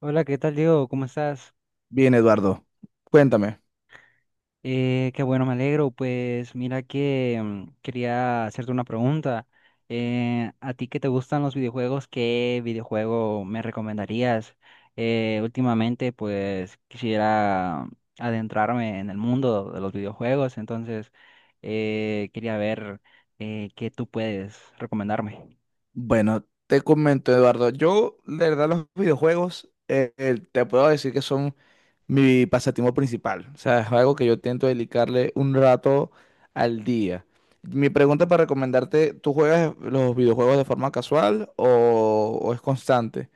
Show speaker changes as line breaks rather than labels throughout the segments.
Hola, ¿qué tal, Diego? ¿Cómo estás?
Bien, Eduardo, cuéntame.
Qué bueno, me alegro. Pues mira que quería hacerte una pregunta. ¿A ti que te gustan los videojuegos? ¿Qué videojuego me recomendarías? Últimamente, pues quisiera adentrarme en el mundo de los videojuegos, entonces quería ver qué tú puedes recomendarme.
Bueno, te comento, Eduardo, yo, la verdad, los videojuegos, te puedo decir que son mi pasatiempo principal. O sea, es algo que yo intento dedicarle un rato al día. Mi pregunta para recomendarte, ¿tú juegas los videojuegos de forma casual o es constante?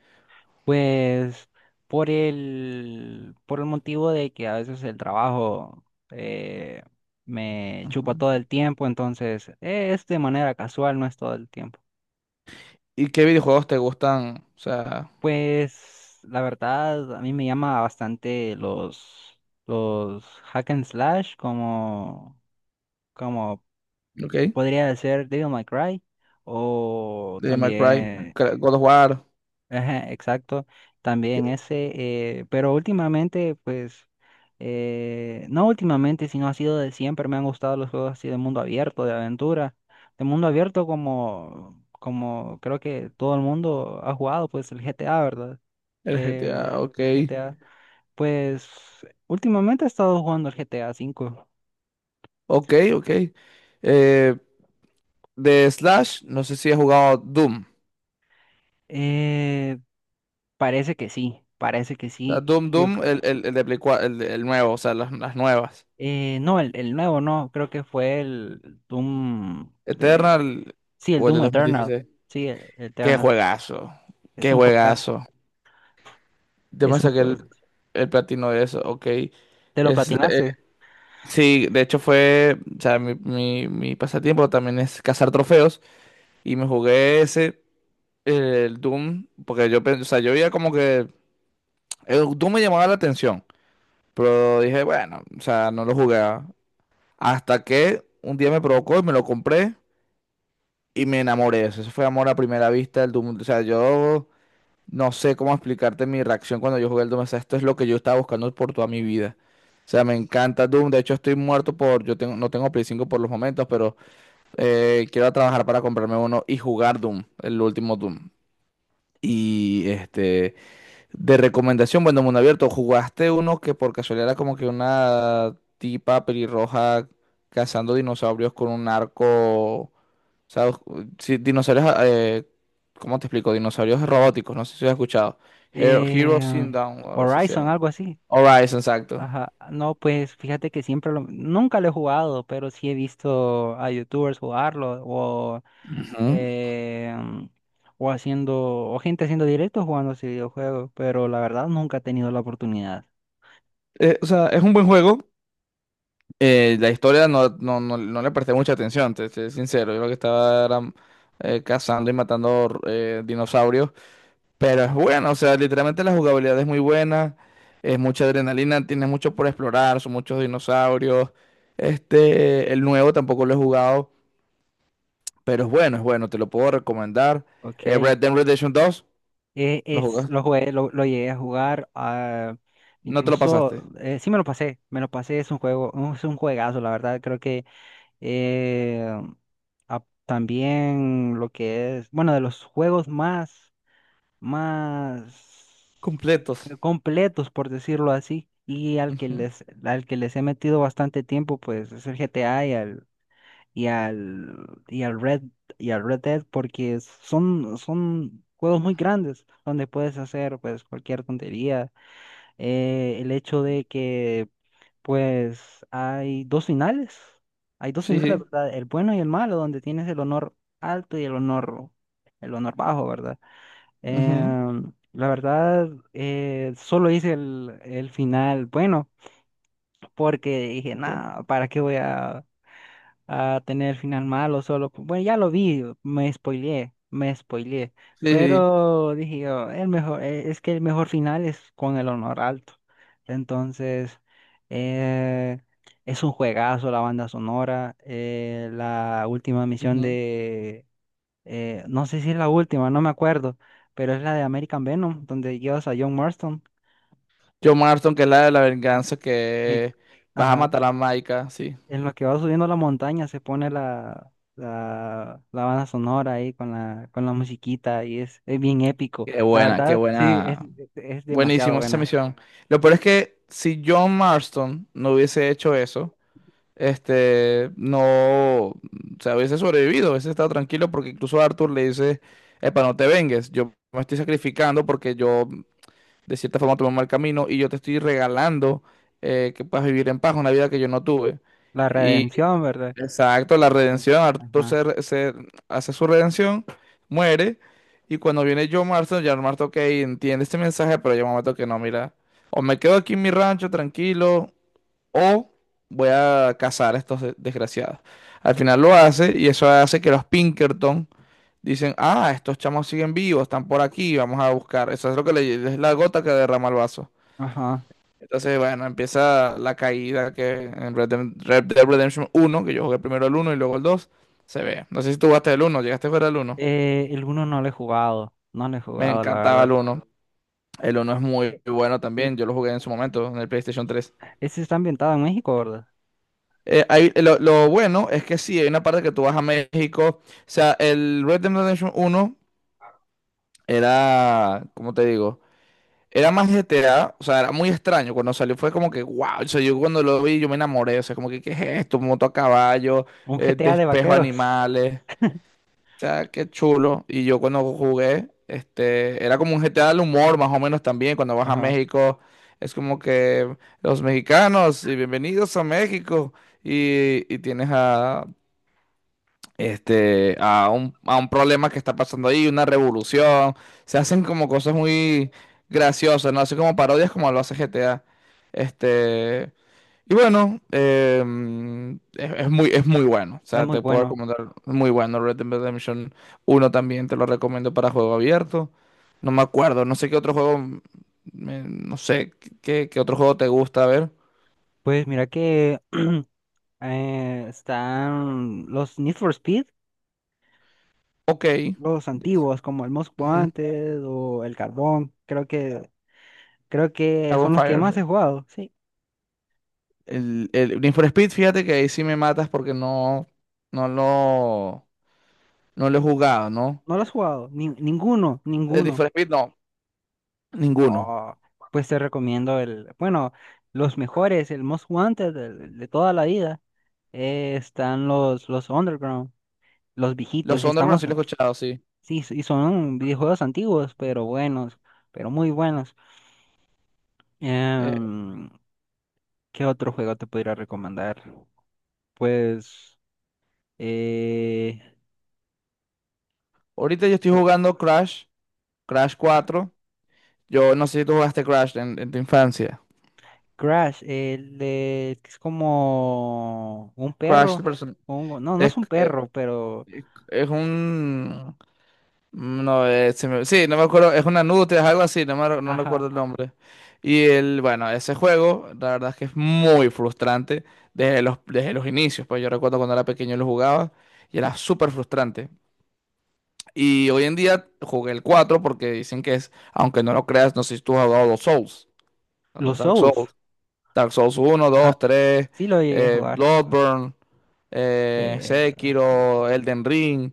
Pues por el motivo de que a veces el trabajo eh, me chupa
Ujú.
todo el tiempo, entonces es de manera casual, no es todo el tiempo.
¿Y qué videojuegos te gustan? O sea,
Pues la verdad, a mí me llama bastante los hack and slash, como
ok,
podría ser Devil May Cry, o
de Minecraft,
también.
God of War,
Ajá, exacto, también
que-
ese, pero últimamente, pues, no últimamente, sino ha sido de siempre, me han gustado los juegos así de mundo abierto, de aventura, de mundo abierto como, creo que todo el mundo ha jugado, pues el GTA, ¿verdad?
el
Eh,
GTA,
el
ok,
GTA, pues, últimamente he estado jugando el GTA 5.
ok, ok. Eh, De Slash, no sé si he jugado Doom.
Eh, Parece que sí, parece que
O sea,
sí,
Doom,
yo
Doom,
creo.
el de Play 4, el nuevo, o sea, las nuevas.
No, el nuevo no, creo que fue el Doom de...
Eternal
Sí, el
o el de
Doom
dos mil
Eternal.
dieciséis
Sí,
Qué
Eternal.
juegazo,
Es
qué
un juegazo,
juegazo. Yo me
es un
saqué
juego.
el platino de eso, ok.
¿Te lo
Es,
platinaste?
sí, de hecho fue, o sea, mi pasatiempo también es cazar trofeos y me jugué ese, el Doom, porque yo, o sea, yo veía como que el Doom me llamaba la atención, pero dije, bueno, o sea, no lo jugué. Hasta que un día me provocó y me lo compré y me enamoré. Eso fue amor a primera vista del Doom. O sea, yo no sé cómo explicarte mi reacción cuando yo jugué el Doom. O sea, esto es lo que yo estaba buscando por toda mi vida. O sea, me encanta Doom. De hecho, estoy muerto por... Yo tengo, no tengo Play 5 por los momentos, pero quiero trabajar para comprarme uno y jugar Doom, el último Doom. Y este... De recomendación, bueno, mundo abierto, ¿jugaste uno que por casualidad era como que una tipa pelirroja cazando dinosaurios con un arco? ¿Sabes? Sí, dinosaurios, ¿cómo te explico? Dinosaurios robóticos, no sé si has escuchado. Hero,
Eh,
Heroes in Down, o algo así se
Horizon,
llama.
algo así.
Horizon, exacto.
Ajá. No, pues fíjate que siempre lo... Nunca lo he jugado, pero sí he visto a youtubers jugarlo
Ujú.
eh, o haciendo... o gente haciendo directos jugando ese videojuego, pero la verdad nunca he tenido la oportunidad.
O sea, es un buen juego. La historia no le presté mucha atención, te soy sincero. Yo lo que estaba era, cazando y matando dinosaurios. Pero es buena, o sea, literalmente la jugabilidad es muy buena, es mucha adrenalina, tienes mucho por explorar, son muchos dinosaurios. Este, el nuevo tampoco lo he jugado, pero es bueno, te lo puedo recomendar.
Ok.
Red Dead Redemption dos. ¿Lo
Lo
jugaste?
jugué, lo llegué a jugar,
No te lo
incluso,
pasaste.
sí me lo pasé, es un juego, es un juegazo, la verdad, creo que eh, también lo que es, bueno, de los juegos más, más
Completos.
completos, por decirlo así, y
Ujú.
al que les he metido bastante tiempo, pues es el GTA y al, y al Red, y al Red Dead porque son juegos muy grandes donde puedes hacer pues cualquier tontería. El hecho de que pues hay dos finales,
Sí, sí.
¿verdad? El bueno y el malo, donde tienes el honor alto y el honor, bajo, ¿verdad?
Ujú.
La verdad, solo hice el final bueno porque dije,
Ok.
nada, ¿para qué voy a tener final malo solo? Bueno, ya lo vi, me spoileé, me spoileé.
Sí, sí.
Pero dije yo, el mejor, es que el mejor final es con el honor alto. Entonces, eh, es un juegazo la banda sonora. La última misión
Ujú.
de, no sé si es la última, no me acuerdo, pero es la de American Venom, donde llevas a John Marston.
Joe Marston, que es la de la
Ah,
venganza,
eh,
que vas a
ajá.
matar a Maika, sí.
En lo que va subiendo la montaña se pone la banda sonora ahí con con la musiquita y es bien épico.
Qué
La
buena, qué
verdad, sí,
buena.
es demasiado
Buenísimo esa
buena.
misión. Lo peor es que si John Marston no hubiese hecho eso, este, no, o sea, hubiese sobrevivido, hubiese estado tranquilo porque incluso Arthur le dice, epa, no te vengues, yo me estoy sacrificando porque yo de cierta forma tomé un mal camino y yo te estoy regalando que puedas vivir en paz una vida que yo no tuve.
La
Y
redención, ¿verdad?
Exacto, la
Como-
redención, Arthur
Ajá,
se, se hace su redención, muere, y cuando viene John Marston, John Marston, ok, entiende este mensaje, pero llega un momento que no, mira, o me quedo aquí en mi rancho tranquilo, o voy a cazar a estos desgraciados. Al final lo hace, y eso hace que los Pinkerton dicen, ah, estos chamos siguen vivos, están por aquí, vamos a buscar. Eso es lo que le, es la gota que derrama el vaso.
ajá.
Entonces, bueno, empieza la caída que en Red Dead Redemption uno, que yo jugué primero el uno y luego el dos, se ve. No sé si tú jugaste el uno, llegaste a jugar el uno.
El uno no lo he jugado,
Me
la
encantaba
verdad.
el uno. El uno es muy
Eh,
bueno
eh,
también, yo lo jugué en su momento, en el PlayStation 3.
Ese está ambientado en México, ¿verdad?
Lo bueno es que sí, hay una parte que tú vas a México. O sea, el Red Dead Redemption uno era, ¿cómo te digo? Era más GTA, o sea, era muy extraño. Cuando salió fue como que, wow, o sea, yo cuando lo vi yo me enamoré, o sea, como que, ¿qué es esto? Moto a caballo,
Un GTA de
despejo
vaqueros.
animales, o sea, qué chulo. Y yo cuando jugué, este, era como un GTA del humor, más o menos también, cuando vas a
Ajá,
México, es como que los mexicanos, y bienvenidos a México, y tienes a, este, a un problema que está pasando ahí, una revolución. Se hacen como cosas muy graciosas, ¿no? Así como parodias como lo hace GTA. Este, y bueno, em, es muy bueno. O
es
sea,
muy
te puedo
bueno.
recomendar, muy bueno. Red Dead Redemption uno también te lo recomiendo para juego abierto. No me acuerdo, no sé qué otro juego, no sé qué, qué otro juego te gusta, a ver.
Pues mira que están los Need for Speed,
Ok.
los
Yes.
antiguos, como el Most
Ujú.
Wanted o el Carbón, creo que
Dragon
son los que más he
Fire.
jugado, sí.
El Need for Speed, fíjate que ahí sí me matas porque no, no lo, no lo he jugado, ¿no?
No los has jugado, ninguno,
El Need
ninguno.
for Speed, no, ninguno.
Oh, pues te recomiendo bueno, los mejores, el Most Wanted de toda la vida, están los Underground, los viejitos,
Los
y
Underground
estamos,
sí lo he escuchado, sí.
sí, y son videojuegos antiguos, pero buenos, pero muy buenos.
Eh,
Em, ¿Qué otro juego te podría recomendar? Pues, eh,
ahorita yo estoy jugando Crash, Crash 4. Yo no sé si tú jugaste Crash en tu infancia.
Crash, que es como un
Crash el
perro.
person-
Pongo. No, no
es,
es un
eh,
perro, pero.
es un, no, sí, no me acuerdo, es una nutria, es algo así, no
Ajá.
recuerdo el nombre. Y el, bueno, ese juego, la verdad es que es muy frustrante desde los inicios, pues yo recuerdo cuando era pequeño lo jugaba y era súper frustrante. Y hoy en día jugué el 4 porque dicen que es, aunque no lo creas, no sé si tú has jugado los Souls, los
Los
Dark
Souls.
Souls, Dark Souls uno
Ah,
dos tres
sí lo llegué a jugar.
Bloodborne,
Eh,
Sekiro, Elden Ring,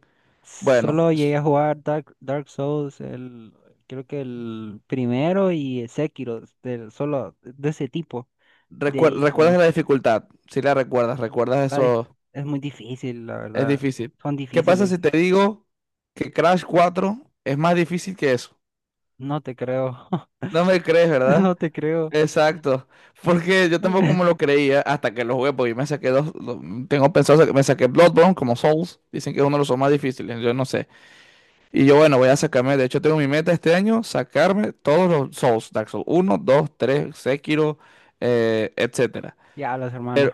bueno.
Solo llegué a jugar Dark Souls, creo que el primero y el Sekiro, solo de ese tipo. De ahí ya no.
¿Recuerdas la dificultad? Si la recuerdas, recuerdas
La di-
eso,
es muy difícil, la
es
verdad.
difícil.
Son
¿Qué pasa
difíciles.
si te digo que Crash 4 es más difícil que eso?
No te creo.
No me crees, ¿verdad?
No te creo.
Exacto. Porque yo tampoco me lo creía hasta que lo jugué, porque yo me saqué dos, tengo pensado, que me saqué Bloodborne como Souls, dicen que es uno de los más difíciles, yo no sé. Y yo bueno, voy a sacarme, de hecho tengo mi meta este año, sacarme todos los Souls, Dark Souls 1, 2, 3 Sekiro, etcétera.
Ya, los hermanos.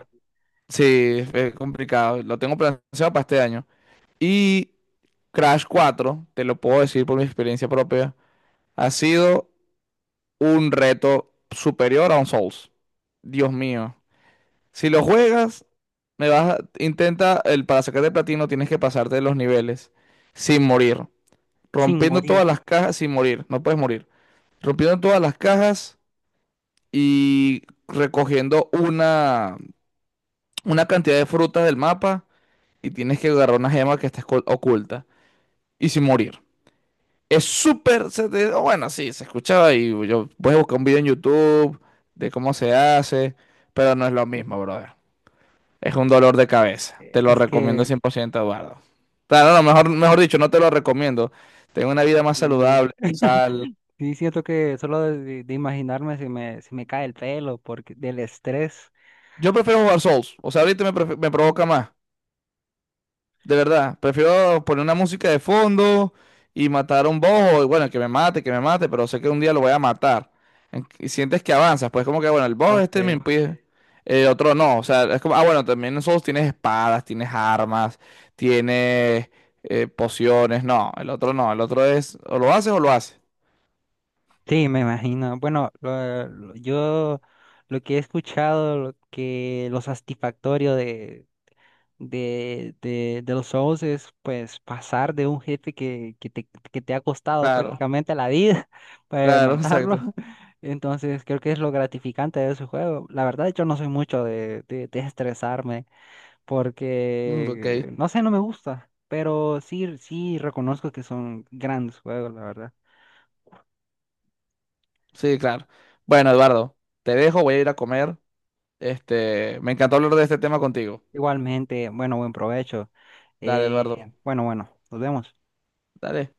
Sí, es complicado. Lo tengo planeado para este año. Y Crash 4 te lo puedo decir por mi experiencia propia, ha sido un reto superior a un Souls. Dios mío. Si lo juegas, intenta, el para sacar de platino tienes que pasarte los niveles sin morir,
Sin
rompiendo todas
morir.
las cajas sin morir, no puedes morir. Rompiendo todas las cajas y recogiendo una cantidad de frutas del mapa y tienes que agarrar una gema que está oculta y sin morir. Es súper. O bueno, sí, se escuchaba y yo, puedes buscar un video en YouTube de cómo se hace, pero no es lo mismo, brother. Es un dolor de cabeza. Te lo
Es
recomiendo
que
100%, Eduardo. Claro, no, mejor, mejor dicho, no te lo recomiendo. Tengo una vida más
mm,
saludable, sal.
sí siento que solo de imaginarme si si me cae el pelo porque del estrés.
Yo prefiero jugar Souls. O sea, ahorita me, me provoca más. De verdad, prefiero poner una música de fondo y matar a un boss, o bueno, que me mate, pero sé que un día lo voy a matar. Y sientes que avanzas, pues como que, bueno, el boss este me
Ok.
impide, el otro no, o sea, es como, ah, bueno, también nosotros tienes espadas, tienes armas, tienes pociones, no, el otro no, el otro es, o lo haces o lo haces.
Sí, me imagino. Bueno, yo lo que he escuchado, lo satisfactorio de, los shows es pues pasar de un jefe que te ha costado
Claro,
prácticamente la vida para
claro,
matarlo.
exacto.
Entonces creo que es lo gratificante de ese juego. La verdad, yo no soy mucho de, de estresarme,
Mm, ok,
porque, no sé, no me gusta, pero sí, sí reconozco que son grandes juegos, la verdad.
sí, claro. Bueno, Eduardo, te dejo, voy a ir a comer. Este, me encantó hablar de este tema contigo.
Igualmente, bueno, buen provecho.
Dale, Eduardo,
Bueno, nos vemos.
dale.